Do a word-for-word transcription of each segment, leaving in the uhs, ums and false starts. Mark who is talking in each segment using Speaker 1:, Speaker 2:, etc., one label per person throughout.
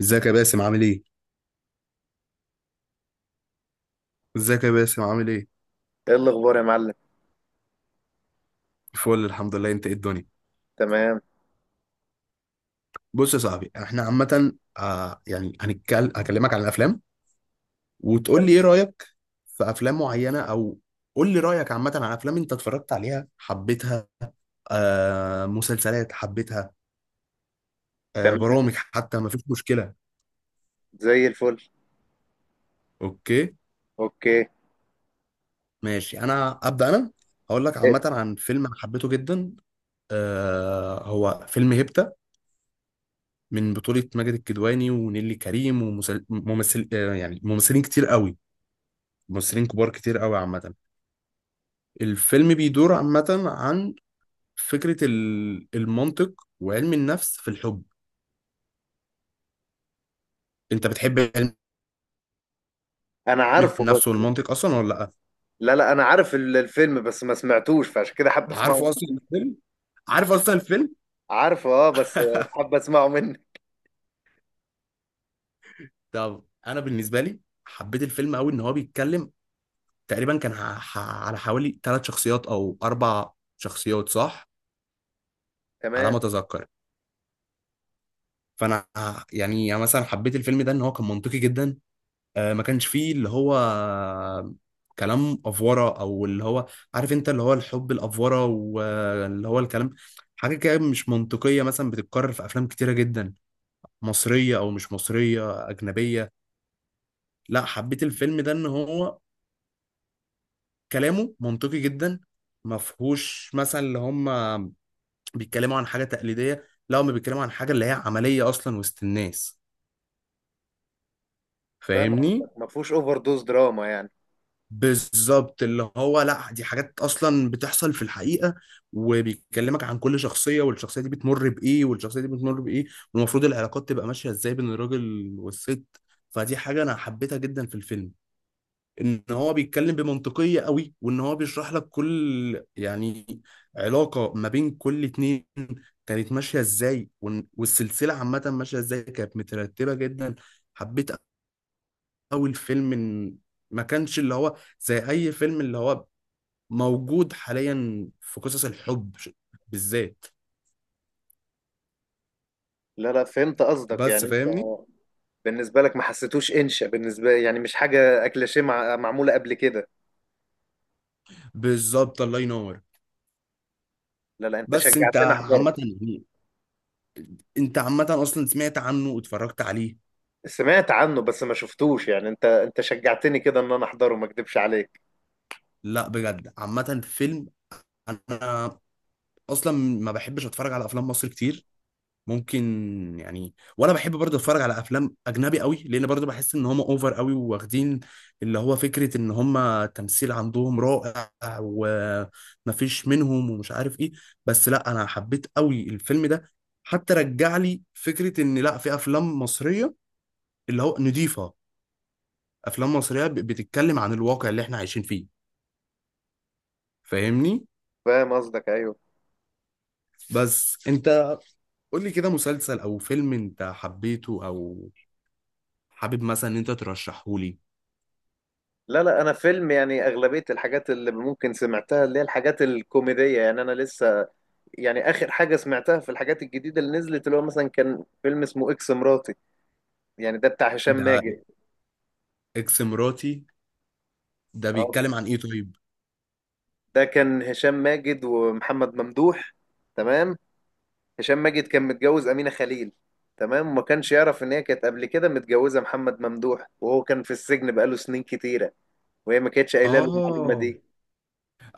Speaker 1: ازيك يا باسم عامل ايه؟ ازيك يا باسم عامل ايه؟
Speaker 2: ايه الاخبار يا معلم؟
Speaker 1: فل الحمد لله، انت ايه الدنيا؟
Speaker 2: تمام
Speaker 1: بص يا صاحبي، احنا عامة آه يعني هنتكلم هكلمك عن الافلام، وتقول لي ايه رأيك في افلام معينة، او قول لي رأيك عامة عن افلام انت اتفرجت عليها حبيتها، آه مسلسلات حبيتها، آه
Speaker 2: تمام
Speaker 1: برامج، حتى ما فيش مشكلة.
Speaker 2: زي الفل.
Speaker 1: اوكي،
Speaker 2: اوكي.
Speaker 1: ماشي. انا ابدأ انا هقول لك عامة
Speaker 2: إيه؟
Speaker 1: عن فيلم انا حبيته جدا. آه هو فيلم هيبتا، من بطولة ماجد الكدواني ونيلي كريم وممثل آه يعني ممثلين كتير قوي، ممثلين كبار كتير قوي عامة. الفيلم بيدور عامة عن فكرة ال- المنطق وعلم النفس في الحب. انت بتحب علم
Speaker 2: انا عارفه
Speaker 1: النفس
Speaker 2: بس
Speaker 1: والمنطق اصلا ولا لا؟
Speaker 2: لا لا انا عارف ال- الفيلم بس ما سمعتوش فعشان كده حابب اسمعه.
Speaker 1: عارفه اصلا الفيلم؟ عارف اصلا الفيلم؟
Speaker 2: عارفه اه بس حابب اسمعه منك.
Speaker 1: طب انا بالنسبة لي حبيت الفيلم قوي ان هو بيتكلم تقريبا، كان ح- ح- على حوالي ثلاث شخصيات او اربع شخصيات، صح؟ على ما
Speaker 2: تمام.
Speaker 1: اتذكر. فانا ه- يعني يعني مثلا حبيت الفيلم ده ان هو كان منطقي جدا. آه، ما كانش فيه اللي هو كلام افوره، او اللي هو عارف انت اللي هو الحب الافوره واللي هو الكلام، حاجه كده مش منطقيه مثلا بتتكرر في افلام كتيره جدا، مصريه او مش مصريه اجنبيه. لا، حبيت الفيلم ده ان هو كلامه منطقي جدا، ما فيهوش مثلا اللي هم بيتكلموا عن حاجه تقليديه، لا، هم بيتكلموا عن حاجه اللي هي عمليه اصلا وسط الناس.
Speaker 2: فاهم
Speaker 1: فاهمني؟
Speaker 2: قصدك، ما فيهوش اوفر دوز دراما يعني.
Speaker 1: بالظبط، اللي هو لا، دي حاجات اصلا بتحصل في الحقيقه، وبيكلمك عن كل شخصيه والشخصيه دي بتمر بايه والشخصيه دي بتمر بايه، والمفروض العلاقات تبقى ماشيه ازاي بين الراجل والست. فدي حاجه انا حبيتها جدا في الفيلم، ان هو بيتكلم بمنطقيه قوي وان هو بيشرح لك كل يعني علاقه ما بين كل اتنين كانت ماشيه ازاي. وإن- والسلسله عامه ماشيه ازاي، كانت مترتبه جدا. حبيت قوي الفيلم إن ما كانش اللي هو زي اي فيلم اللي هو موجود حاليا في قصص الحب ش- بالذات.
Speaker 2: لا لا فهمت قصدك،
Speaker 1: بس
Speaker 2: يعني انت
Speaker 1: فاهمني؟
Speaker 2: بالنسبه لك ما حسيتوش انشا بالنسبه، يعني مش حاجه اكليشيه مع... معموله قبل كده.
Speaker 1: بالظبط، الله ينور.
Speaker 2: لا لا انت
Speaker 1: بس انت
Speaker 2: شجعتني
Speaker 1: عامة
Speaker 2: احضره.
Speaker 1: يعني، انت عامة اصلا سمعت عنه واتفرجت عليه؟
Speaker 2: سمعت عنه بس ما شفتوش، يعني انت انت شجعتني كده ان انا احضره، ما اكدبش عليك.
Speaker 1: لا بجد عامة فيلم، انا اصلا ما بحبش اتفرج على افلام مصر كتير، ممكن يعني. وانا بحب برضه اتفرج على افلام اجنبي قوي، لان برضه بحس ان هم اوفر قوي واخدين اللي هو فكره ان هم التمثيل عندهم رائع ومفيش منهم ومش عارف ايه. بس لا، انا حبيت قوي الفيلم ده، حتى رجع لي فكره ان لا، في افلام مصريه اللي هو نضيفه، افلام مصريه ب- بتتكلم عن الواقع اللي احنا عايشين فيه. فاهمني؟
Speaker 2: فاهم قصدك ايوه.
Speaker 1: بس انت قول لي كده مسلسل او فيلم انت حبيته، او حابب مثلا ان انت ترشحه لي.
Speaker 2: لا، لا انا فيلم، يعني اغلبيه الحاجات اللي ممكن سمعتها اللي هي الحاجات الكوميديه، يعني انا لسه يعني اخر حاجه سمعتها في الحاجات الجديده اللي نزلت اللي هو مثلا كان فيلم اسمه اكس مراتي، يعني ده بتاع هشام
Speaker 1: ده
Speaker 2: ماجد.
Speaker 1: اكس مراتي؟ ده
Speaker 2: اه،
Speaker 1: بيتكلم عن ايه طيب؟
Speaker 2: ده كان هشام ماجد ومحمد ممدوح. تمام. هشام ماجد كان متجوز امينه خليل. تمام، وما كانش يعرف ان هي كانت قبل كده متجوزه محمد ممدوح، وهو كان في السجن بقاله سنين كتيره، وهي ما كانتش قايله له المعلومه
Speaker 1: اه.
Speaker 2: دي.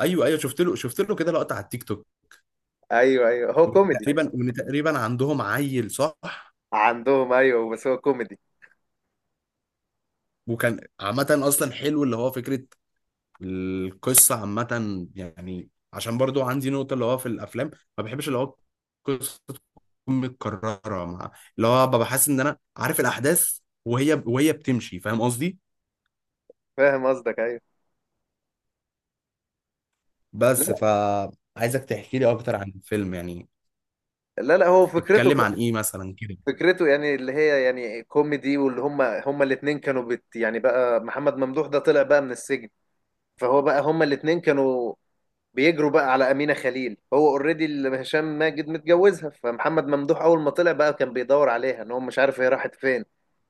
Speaker 1: ايوه ايوه، شفت له، شفت له كده لقطه على التيك توك.
Speaker 2: ايوه ايوه، هو كوميدي.
Speaker 1: تقريبا، وان تقريبا عندهم عيل، صح؟
Speaker 2: عندهم ايوه، بس هو كوميدي.
Speaker 1: وكان عامه اصلا حلو اللي هو فكره القصه عامه، يعني عشان برضو عندي نقطه اللي هو في الافلام، ما بحبش اللي هو القصه تكون متكرره، مع اللي هو ببقى حاسس ان انا عارف الاحداث وهي وهي بتمشي. فاهم قصدي؟
Speaker 2: فاهم قصدك ايوه.
Speaker 1: بس
Speaker 2: لا،
Speaker 1: فعايزك تحكي لي اكتر عن الفيلم يعني.
Speaker 2: لا لا هو فكرته
Speaker 1: اتكلم
Speaker 2: كانت،
Speaker 1: عن ايه مثلا؟
Speaker 2: فكرته يعني اللي هي يعني كوميدي، واللي هم هم الاثنين كانوا بت يعني، بقى محمد ممدوح ده طلع بقى من السجن، فهو بقى هم الاثنين كانوا بيجروا بقى على أمينة خليل، هو اوريدي اللي هشام ماجد متجوزها، فمحمد ممدوح اول ما طلع بقى كان بيدور عليها ان هو مش عارف هي راحت فين،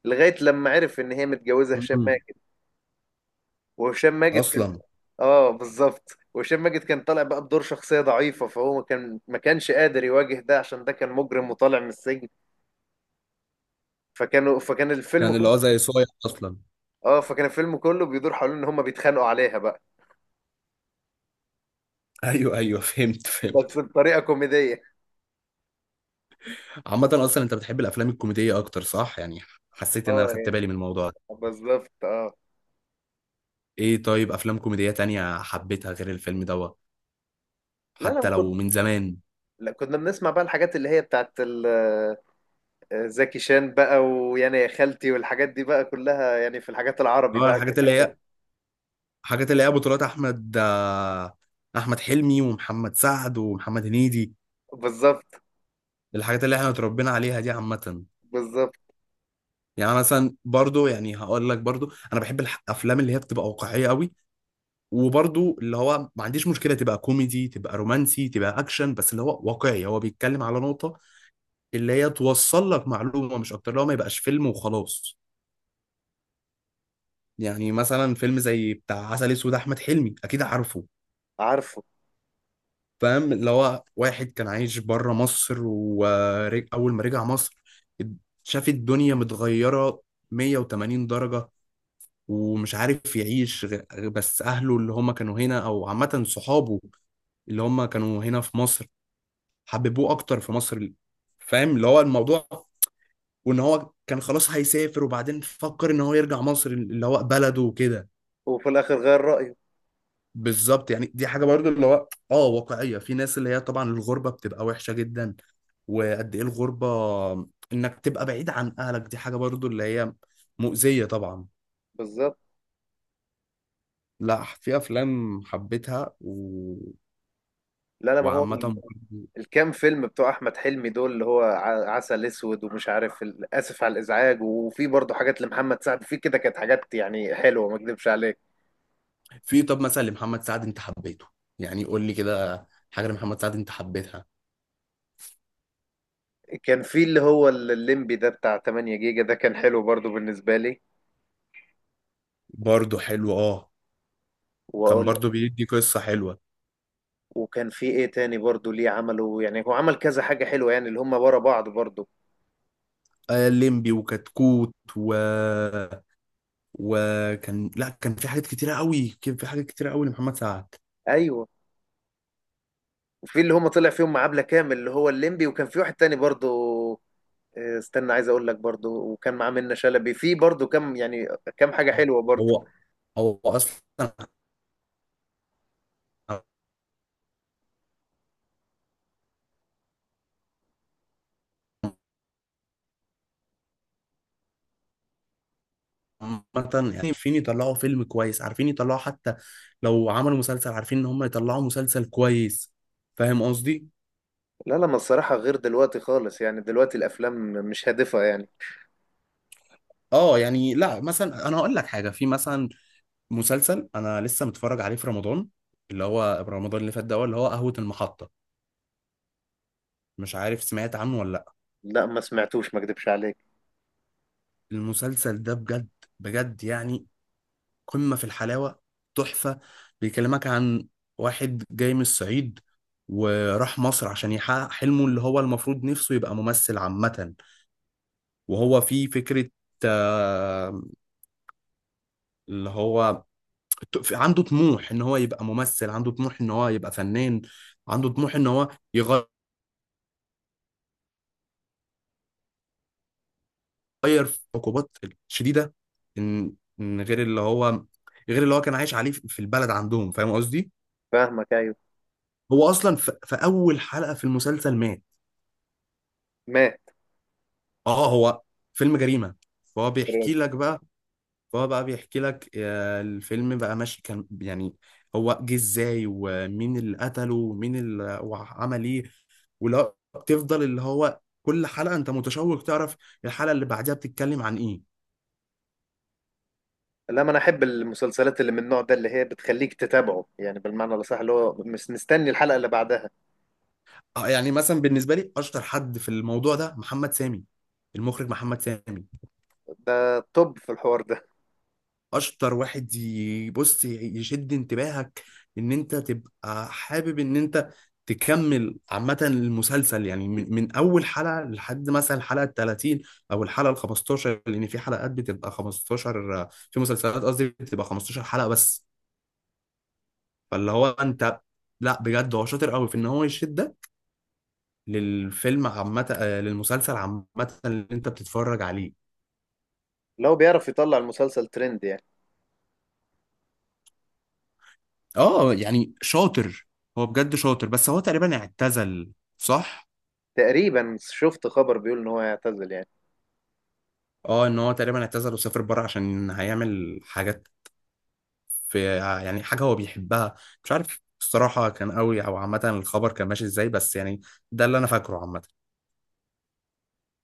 Speaker 2: لغاية لما عرف ان هي متجوزة
Speaker 1: كده
Speaker 2: هشام ماجد. وهشام ماجد كان،
Speaker 1: اصلا
Speaker 2: اه بالظبط، وهشام ماجد كان طالع بقى بدور شخصية ضعيفة، فهو ما كان ما كانش قادر يواجه ده عشان ده كان مجرم وطالع من السجن. فكانوا فكان الفيلم
Speaker 1: كان اللي
Speaker 2: كله،
Speaker 1: هو زي صايع اصلا.
Speaker 2: اه فكان الفيلم كله بيدور حوالين ان هم بيتخانقوا عليها بقى،
Speaker 1: ايوه ايوه، فهمت
Speaker 2: بس
Speaker 1: فهمت.
Speaker 2: بطريقة كوميدية.
Speaker 1: عامه اصلا انت بتحب الافلام الكوميديه اكتر، صح يعني؟ حسيت ان انا
Speaker 2: اه
Speaker 1: خدت
Speaker 2: يعني،
Speaker 1: بالي من الموضوع ده.
Speaker 2: بالظبط اه.
Speaker 1: ايه طيب، افلام كوميديه تانية حبيتها غير الفيلم دوت،
Speaker 2: لا لا
Speaker 1: حتى لو
Speaker 2: كنا
Speaker 1: من زمان؟
Speaker 2: لا كنا بنسمع بقى الحاجات اللي هي بتاعت ال- آه، زكي شان بقى، ويعني يا خالتي والحاجات دي بقى كلها، يعني في الحاجات العربي
Speaker 1: اه
Speaker 2: بقى
Speaker 1: الحاجات
Speaker 2: كانت
Speaker 1: اللي
Speaker 2: حلوة.
Speaker 1: هي الحاجات اللي هي بطولات احمد احمد حلمي ومحمد سعد ومحمد هنيدي،
Speaker 2: بالظبط.
Speaker 1: الحاجات اللي احنا اتربينا عليها دي عامه.
Speaker 2: بالظبط.
Speaker 1: يعني أنا مثلا برضو، يعني هقول لك برضو، انا بحب الافلام اللي هي بتبقى واقعيه قوي. وبرضو اللي هو ما عنديش مشكلة تبقى كوميدي، تبقى رومانسي، تبقى أكشن، بس اللي هو واقعي، هو بيتكلم على نقطة اللي هي توصل لك معلومة، مش أكتر اللي هو ما يبقاش فيلم وخلاص. يعني مثلا فيلم زي بتاع عسل أسود، أحمد حلمي، أكيد عارفه.
Speaker 2: عارفه.
Speaker 1: فاهم اللي هو واحد كان عايش بره مصر، وأول ما رجع مصر شاف الدنيا متغيرة مية وتمانين درجة، ومش عارف يعيش غ- بس أهله اللي هم كانوا هنا، أو عامة صحابه اللي هم كانوا هنا في مصر، حببوه اكتر في مصر. فاهم اللي هو الموضوع، وان هو كان خلاص هيسافر وبعدين فكر ان هو يرجع مصر اللي هو بلده وكده.
Speaker 2: وفي الاخر غير رأيه.
Speaker 1: بالظبط، يعني دي حاجه برضو اللي هو اه واقعيه في ناس، اللي هي طبعا الغربه بتبقى وحشه جدا. وقد ايه الغربه، انك تبقى بعيد عن اهلك، دي حاجه برضو اللي هي مؤذيه طبعا.
Speaker 2: بالظبط.
Speaker 1: لا، في افلام حبيتها و...
Speaker 2: لا لا، ما هو
Speaker 1: وعامه برضو-
Speaker 2: الكام فيلم بتوع احمد حلمي دول اللي هو ع- عسل اسود ومش عارف ال- اسف على الازعاج، وفي برضه حاجات لمحمد سعد في كده، كانت حاجات يعني حلوه ما اكذبش عليك.
Speaker 1: في، طب مثلا لمحمد سعد انت حبيته؟ يعني قول لي كده حاجه لمحمد سعد انت حبيتها.
Speaker 2: كان في اللي هو ال- الليمبي ده بتاع تمانية جيجا، ده كان حلو برضه بالنسبه لي.
Speaker 1: برضه حلو اه، كان
Speaker 2: واقول
Speaker 1: برضو
Speaker 2: لك،
Speaker 1: بيدي قصة حلوة.
Speaker 2: وكان في ايه تاني برضه ليه عمله، يعني هو عمل كذا حاجه حلوه يعني اللي هم ورا بعض برضه.
Speaker 1: آه ليمبي وكتكوت و... وكان، لا كان في حاجات كتيرة قوي، كان في حاجات كتيرة قوي لمحمد سعد.
Speaker 2: ايوه، وفي اللي هم طلع فيهم مع عبلة كامل اللي هو الليمبي، وكان في واحد تاني برضو، آه، استنى عايز اقول لك، برضو وكان معاه منة شلبي في برضو كم يعني، كم حاجة حلوة برضو.
Speaker 1: هو هو أصلا عامة يعني عارفين يطلعوا فيلم كويس، عارفين يطلعوا حتى لو عملوا مسلسل، عارفين إن هم يطلعوا مسلسل كويس. فاهم قصدي؟
Speaker 2: لا لا، ما الصراحة غير دلوقتي خالص، يعني دلوقتي الافلام مش هادفة يعني.
Speaker 1: اه يعني لا مثلا انا هقول لك حاجه، في مثلا مسلسل انا لسه متفرج عليه في رمضان، اللي هو رمضان اللي فات ده، هو اللي هو قهوه المحطه، مش عارف سمعت عنه ولا؟
Speaker 2: لا، ما سمعتوش ما اكدبش عليك.
Speaker 1: المسلسل ده بجد، بجد يعني قمة في الحلاوة، تحفة. بيكلمك عن واحد جاي من الصعيد، وراح مصر عشان يحقق حلمه اللي هو المفروض نفسه يبقى ممثل عامة. وهو في فكرة، آه، اللي هو ت- عنده طموح ان هو يبقى ممثل، عنده طموح ان هو يبقى فنان، عنده طموح ان هو يغير في عقوبات شديدة، ان إن غير اللي هو غير اللي هو كان عايش عليه في البلد عندهم. فاهم قصدي؟
Speaker 2: فاهمك ايوه.
Speaker 1: هو اصلا في, في اول حلقه في المسلسل مات.
Speaker 2: مات.
Speaker 1: اه، هو فيلم جريمه. فهو بيحكي لك بقى، فهو بقى بيحكي لك آه، الفيلم بقى ماشي كان يعني هو جه ازاي، ومين اللي قتله، ومين اللي وعمل ايه، ولا بتفضل اللي هو كل حلقه انت متشوق تعرف الحلقه اللي بعدها بتتكلم عن ايه.
Speaker 2: لا، ما انا احب المسلسلات اللي من النوع ده اللي هي بتخليك تتابعه، يعني بالمعنى الاصح اللي هو مش مستني الحلقة اللي بعدها.
Speaker 1: آه، يعني مثلا بالنسبه لي اشطر حد في الموضوع ده محمد سامي، المخرج محمد سامي.
Speaker 2: ده توب في الحوار ده.
Speaker 1: اشطر واحد يبص يشد انتباهك ان انت تبقى حابب ان انت تكمل عامة المسلسل، يعني من, من اول حلقة لحد مثلا الحلقة ال التلاتين، او الحلقة ال الخمستاشر، لان في حلقات بتبقى خمستاشر في مسلسلات، قصدي بتبقى خمسة عشر حلقة بس. فاللي هو انت لا بجد هو شاطر قوي في ان هو يشدك للفيلم عامة، آه، للمسلسل عامة اللي انت بتتفرج عليه.
Speaker 2: لو بيعرف يطلع المسلسل ترند يعني.
Speaker 1: اه يعني شاطر، هو بجد شاطر. بس هو تقريبا اعتزل، صح؟
Speaker 2: تقريبا شفت خبر بيقول ان هو هيعتزل يعني.
Speaker 1: اه، ان هو تقريبا اعتزل وسافر بره عشان هيعمل حاجات في يعني حاجه هو بيحبها. مش عارف الصراحه كان قوي، او عامه الخبر كان ماشي ازاي، بس يعني ده اللي انا فاكره عامه.